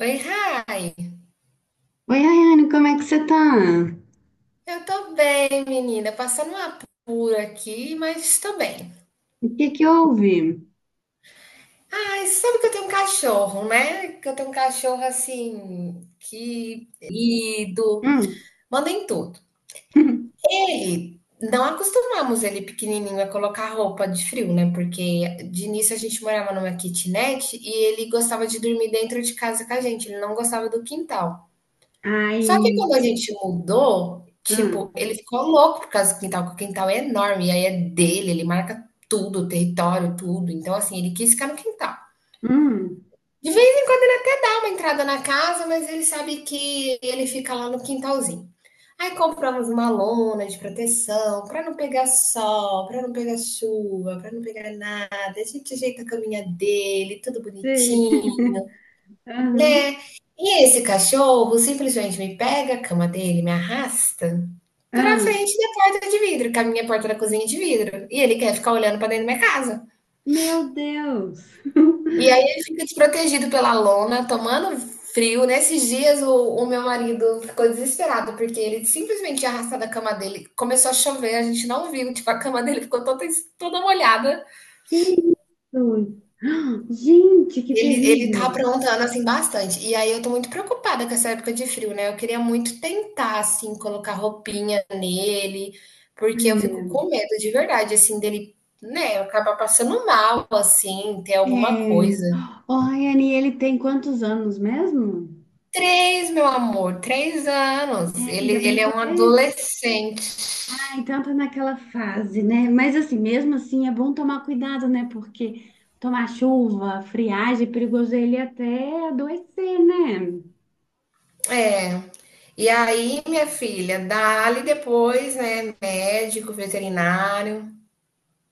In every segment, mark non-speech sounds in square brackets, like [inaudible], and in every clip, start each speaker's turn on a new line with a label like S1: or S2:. S1: Oi, Rai.
S2: Oi, Ayane, como é que você tá?
S1: Eu tô bem, menina. Passando uma apura aqui, mas tô bem.
S2: O que que houve?
S1: Ai, sabe que eu tenho um cachorro, né? Que eu tenho um cachorro assim, que lido,
S2: Hum.
S1: manda em tudo.
S2: [laughs]
S1: Ele, não acostumamos ele pequenininho a colocar roupa de frio, né? Porque de início a gente morava numa kitnet e ele gostava de dormir dentro de casa com a gente, ele não gostava do quintal.
S2: Ai,
S1: Só que quando a gente mudou, tipo,
S2: hum,
S1: ele ficou louco por causa do quintal, porque o quintal é enorme, e aí é dele, ele marca tudo, o território, tudo. Então, assim, ele quis ficar no quintal.
S2: hum,
S1: De vez em quando ele até dá uma entrada na casa, mas ele sabe que ele fica lá no quintalzinho. Aí compramos uma lona de proteção para não pegar sol, para não pegar chuva, para não pegar nada. A gente ajeita a caminha dele, tudo
S2: sei. [laughs]
S1: bonitinho. Né?
S2: Aham,
S1: E esse cachorro simplesmente me pega a cama dele, me arrasta pra
S2: aham.
S1: frente da porta de vidro, que a minha porta da cozinha é de vidro. E ele quer ficar olhando pra dentro da minha casa.
S2: Meu Deus!
S1: E aí
S2: [laughs]
S1: ele fica desprotegido pela lona, tomando frio. Nesses dias o meu marido ficou desesperado, porque ele simplesmente tinha arrastado a cama dele. Começou a chover, a gente não viu, tipo, a cama dele ficou toda, toda molhada.
S2: Que isso? [gasps] Gente, que
S1: Ele tá
S2: terrível!
S1: aprontando, assim, bastante. E aí eu tô muito preocupada com essa época de frio, né? Eu queria muito tentar, assim, colocar roupinha nele, porque eu fico
S2: É,
S1: com medo de verdade, assim, dele, né, acabar passando mal, assim, ter alguma
S2: é.
S1: coisa.
S2: Ô, Ayane, ele tem quantos anos mesmo?
S1: Três, meu amor, três
S2: É,
S1: anos. Ele,
S2: ainda bem
S1: ele é
S2: que
S1: um
S2: ele é
S1: adolescente.
S2: Então tá naquela fase, né? Mas assim, mesmo assim, é bom tomar cuidado, né? Porque tomar chuva, friagem, é perigoso ele até adoecer, né?
S1: É. E aí, minha filha, dá-lhe depois, né, médico, veterinário.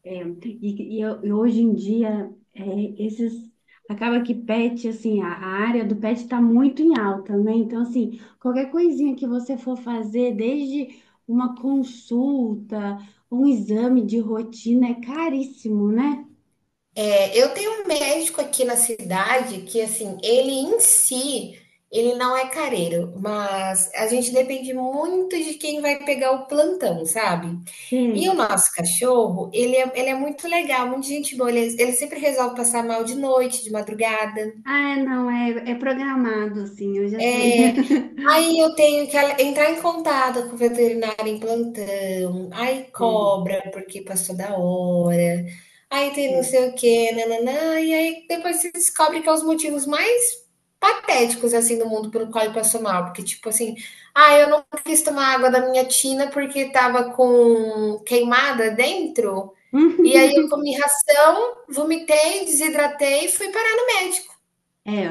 S2: É, e e hoje em dia, esses... Acaba que pet, assim, a área do pet está muito em alta, né? Então, assim, qualquer coisinha que você for fazer, desde uma consulta, um exame de rotina, é caríssimo, né?
S1: Eu tenho um médico aqui na cidade que, assim, ele em si, ele não é careiro, mas a gente depende muito de quem vai pegar o plantão, sabe? E o
S2: Sei.
S1: nosso cachorro, ele é muito legal, muito gente boa, ele sempre resolve passar mal de noite, de madrugada.
S2: Ah, é, não, é programado, sim, eu já sei. [laughs]
S1: Aí eu tenho que entrar em contato com o veterinário em plantão. Aí
S2: É,
S1: cobra porque passou da hora. Aí tem não
S2: é.
S1: sei o quê, nananã. E aí depois se descobre que é os motivos mais patéticos assim do mundo pelo qual ele passou mal, porque tipo assim, ah, eu não quis tomar água da minha tina porque tava com queimada dentro. E
S2: [laughs]
S1: aí eu comi ração, vomitei, desidratei e fui parar no médico.
S2: É,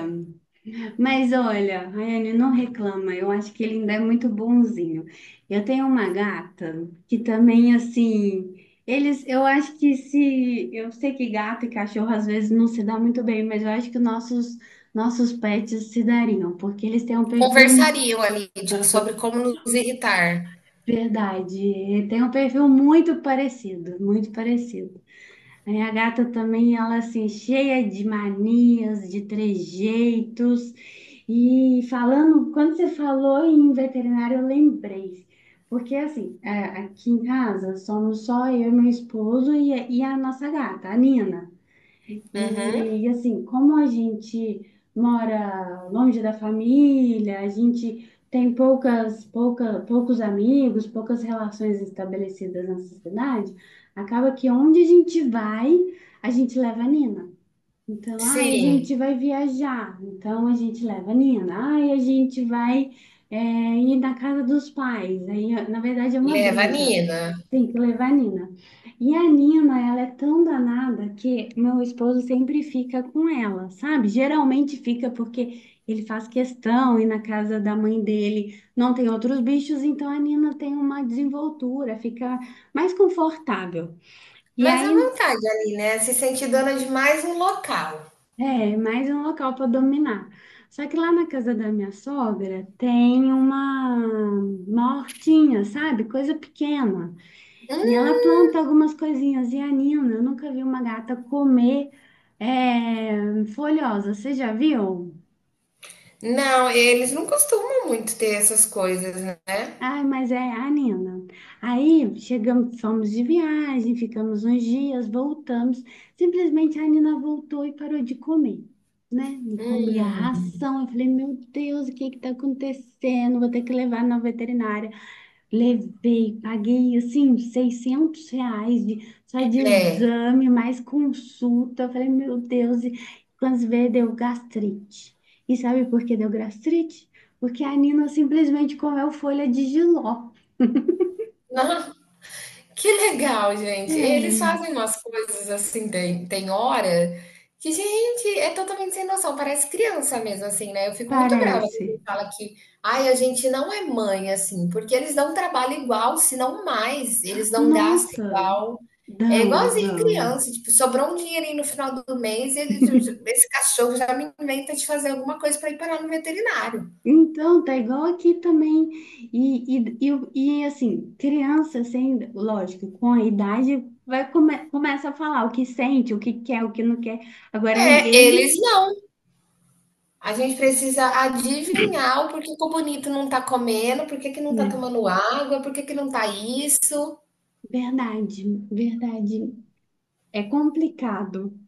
S2: mas olha, Rayane, não reclama, eu acho que ele ainda é muito bonzinho. Eu tenho uma gata que também, assim, eles, eu acho que se, eu sei que gato e cachorro às vezes não se dá muito bem, mas eu acho que nossos pets se dariam, porque eles têm um perfil,
S1: Conversariam ali sobre
S2: [laughs]
S1: como nos irritar.
S2: verdade, tem um perfil muito parecido, muito parecido. Aí a gata também, ela assim, cheia de manias, de trejeitos. E falando, quando você falou em veterinário, eu lembrei. Porque assim, aqui em casa somos só eu, meu esposo e a nossa gata, a Nina.
S1: Uhum.
S2: E, assim, como a gente mora longe da família, a gente tem poucas, pouca, poucos amigos, poucas relações estabelecidas nessa cidade, acaba que onde a gente vai, a gente leva a Nina. Então, ai, a
S1: Sim,
S2: gente vai viajar, então a gente leva a Nina. Ai, a gente vai, ir na casa dos pais. Aí, na verdade, é uma
S1: leva a
S2: briga.
S1: Nina.
S2: Tem que levar a Nina. E a Nina, ela é tão danada que meu esposo sempre fica com ela, sabe? Geralmente fica porque ele faz questão e na casa da mãe dele não tem outros bichos, então a Nina tem uma desenvoltura, fica mais confortável. E
S1: Mas à
S2: aí
S1: vontade ali, né? Se sente dona de mais um local.
S2: é mais um local para dominar. Só que lá na casa da minha sogra tem uma hortinha, sabe? Coisa pequena. E ela planta algumas coisinhas. E a Nina, eu nunca vi uma gata comer folhosa. Você já viu?
S1: Não, eles não costumam muito ter essas coisas, né?
S2: Ai, mas é a Nina. Aí chegamos, fomos de viagem, ficamos uns dias, voltamos. Simplesmente a Nina voltou e parou de comer, né? Não comia
S1: Hum,
S2: ração. Eu falei, meu Deus, o que que tá acontecendo? Vou ter que levar na veterinária. Levei, paguei assim R$ 600 de, só de
S1: é.
S2: exame, mais consulta. Eu falei, meu Deus, e quando se vê, deu gastrite. E sabe por que deu gastrite? Porque a Nina simplesmente comeu folha de jiló.
S1: [laughs] Que legal, gente. Eles
S2: É,
S1: fazem umas coisas assim, tem, tem hora que, gente, é totalmente sem noção. Parece criança mesmo, assim, né? Eu fico muito brava quando alguém
S2: parece.
S1: fala que, ai, a gente não é mãe, assim, porque eles dão um trabalho igual, se não mais. Eles dão um gasto
S2: Nossa,
S1: igual. É
S2: dão,
S1: igualzinho
S2: dão.
S1: criança, tipo, sobrou um dinheirinho no final do mês, ele, esse cachorro já me inventa de fazer alguma coisa para ir parar no veterinário.
S2: Então, tá igual aqui também. E, assim, criança, assim, lógico, com a idade, começa a falar o que sente, o que quer, o que não quer. Agora,
S1: É, eles
S2: eles,
S1: não. A gente precisa adivinhar o porquê que o bonito não tá comendo, por que que não tá
S2: né?
S1: tomando água, por que que não tá isso.
S2: Verdade, verdade. É complicado.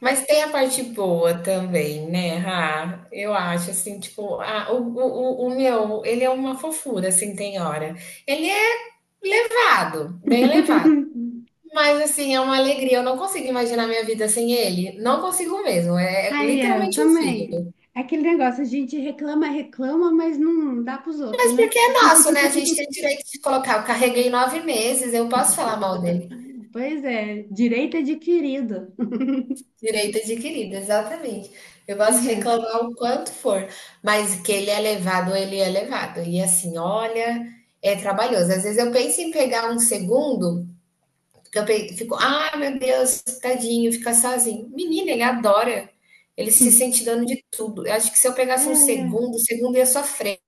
S1: Mas tem a parte boa também, né, Rá? Eu acho, assim, tipo, o meu, ele é uma fofura, assim, tem hora. Ele é levado, bem levado.
S2: [laughs]
S1: Mas, assim, é uma alegria. Eu não consigo imaginar minha vida sem ele. Não consigo mesmo. É, é
S2: Aí, eu
S1: literalmente um filho.
S2: também. Aquele negócio, a gente reclama, reclama, mas não dá pros outros,
S1: Mas
S2: né?
S1: porque é nosso, né? A gente tem o direito de colocar. Eu carreguei 9 meses, eu posso falar mal dele.
S2: Pois é, direito é adquirido.
S1: Direito adquirido, exatamente. Eu posso
S2: Pois é.
S1: reclamar o quanto for, mas que ele é levado, ele é levado. E assim, olha, é trabalhoso. Às vezes eu penso em pegar um segundo, porque eu fico, ah, meu Deus, tadinho, fica sozinho. Menina, ele adora. Ele se sente dono de tudo. Eu acho que se eu pegasse um
S2: É,
S1: segundo, o segundo ia sofrer.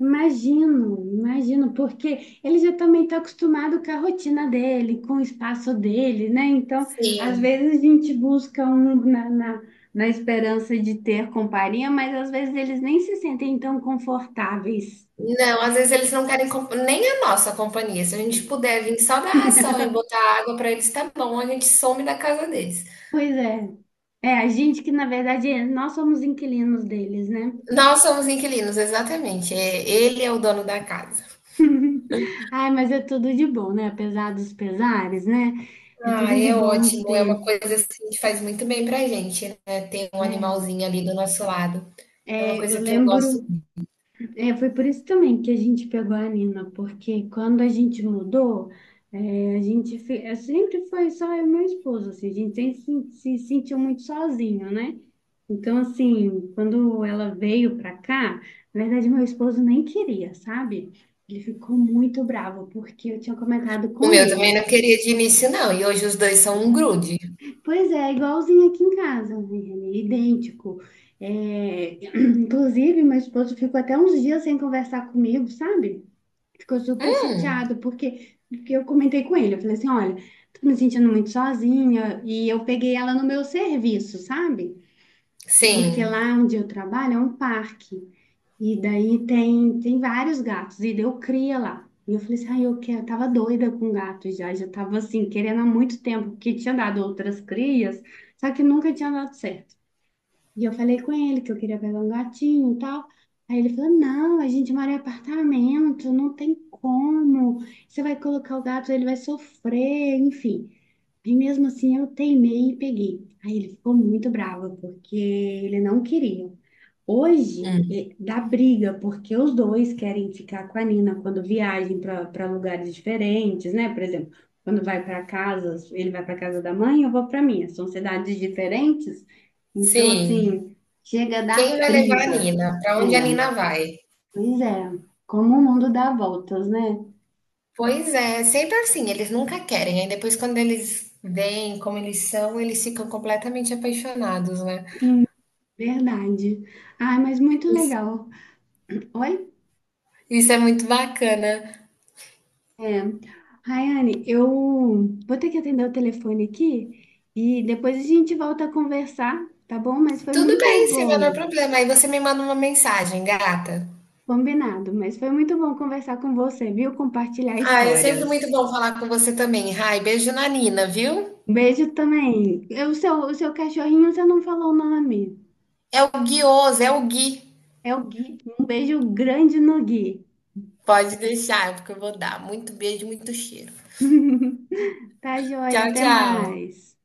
S2: imagino, imagino, porque ele já também está acostumado com a rotina dele, com o espaço dele, né? Então, às
S1: Sim.
S2: vezes a gente busca um na esperança de ter companhia, mas às vezes eles nem se sentem tão confortáveis.
S1: Não, às vezes eles não querem nem a nossa companhia. Se a gente puder vir só dar ração e botar água para eles, tá bom, a gente some da casa deles.
S2: Pois é. É, a gente que, na verdade, nós somos inquilinos deles, né?
S1: Nós somos inquilinos, exatamente. É, ele é o dono da casa.
S2: Ai, mas é tudo de bom, né? Apesar dos pesares, né? É
S1: Ah,
S2: tudo de
S1: é
S2: bom
S1: ótimo. É uma
S2: ter.
S1: coisa assim que faz muito bem pra gente, né? Ter um
S2: É,
S1: animalzinho ali do nosso lado. É uma
S2: é, eu
S1: coisa que eu gosto.
S2: lembro. É, foi por isso também que a gente pegou a Nina, porque quando a gente mudou, a gente sempre foi só eu e meu esposo, assim, a gente sempre se sentiu muito sozinho, né? Então, assim, quando ela veio pra cá, na verdade, meu esposo nem queria, sabe? Ele ficou muito bravo, porque eu tinha comentado
S1: O
S2: com
S1: meu também
S2: ele.
S1: não queria de início, não. E hoje os dois são um grude.
S2: Pois é, igualzinho aqui em casa, né? Idêntico. É, [clears throat] inclusive, meu esposo ficou até uns dias sem conversar comigo, sabe? Ficou super chateado, porque eu comentei com ele. Eu falei assim: olha, tô me sentindo muito sozinha. E eu peguei ela no meu serviço, sabe? É porque
S1: Sim,
S2: lá onde eu trabalho é um parque. E daí tem vários gatos. E eu cria lá. E eu falei assim: ai, eu quero. Eu tava doida com gato já. Já tava assim, querendo há muito tempo, porque tinha dado outras crias, só que nunca tinha dado certo. E eu falei com ele que eu queria pegar um gatinho e tal. Aí ele falou: não, a gente mora em apartamento, não tem como. Você vai colocar o gato, ele vai sofrer, enfim. Aí mesmo assim eu teimei e peguei. Aí ele ficou muito bravo, porque ele não queria. Hoje dá briga, porque os dois querem ficar com a Nina quando viajam para lugares diferentes, né? Por exemplo, quando vai para casa, ele vai para casa da mãe, eu vou para minha. São cidades diferentes, então,
S1: sim.
S2: assim, chega a
S1: Quem
S2: dar
S1: vai levar a
S2: briga.
S1: Nina? Pra onde a
S2: É,
S1: Nina vai?
S2: pois é, como o mundo dá voltas, né?
S1: Pois é, sempre assim, eles nunca querem. Aí depois, quando eles veem como eles são, eles ficam completamente apaixonados, né?
S2: Em verdade. Ai, mas muito
S1: Isso,
S2: legal. Oi?
S1: isso é muito bacana.
S2: É. Rayane, eu vou ter que atender o telefone aqui e depois a gente volta a conversar, tá bom? Mas foi
S1: Tudo
S2: muito
S1: bem, Silvia,
S2: bom,
S1: não é problema. Aí você me manda uma mensagem, gata.
S2: combinado, mas foi muito bom conversar com você, viu? Compartilhar
S1: Ah, é sempre muito
S2: histórias.
S1: bom falar com você também. Ai, beijo na Nina, viu?
S2: Um beijo também. E o seu cachorrinho, você não falou o nome.
S1: É o Guioso, é o Gui.
S2: É o Gui. Um beijo grande no Gui.
S1: Pode deixar, porque eu vou dar. Muito beijo, muito cheiro.
S2: [laughs] Tá joia,
S1: Tchau,
S2: até
S1: tchau.
S2: mais.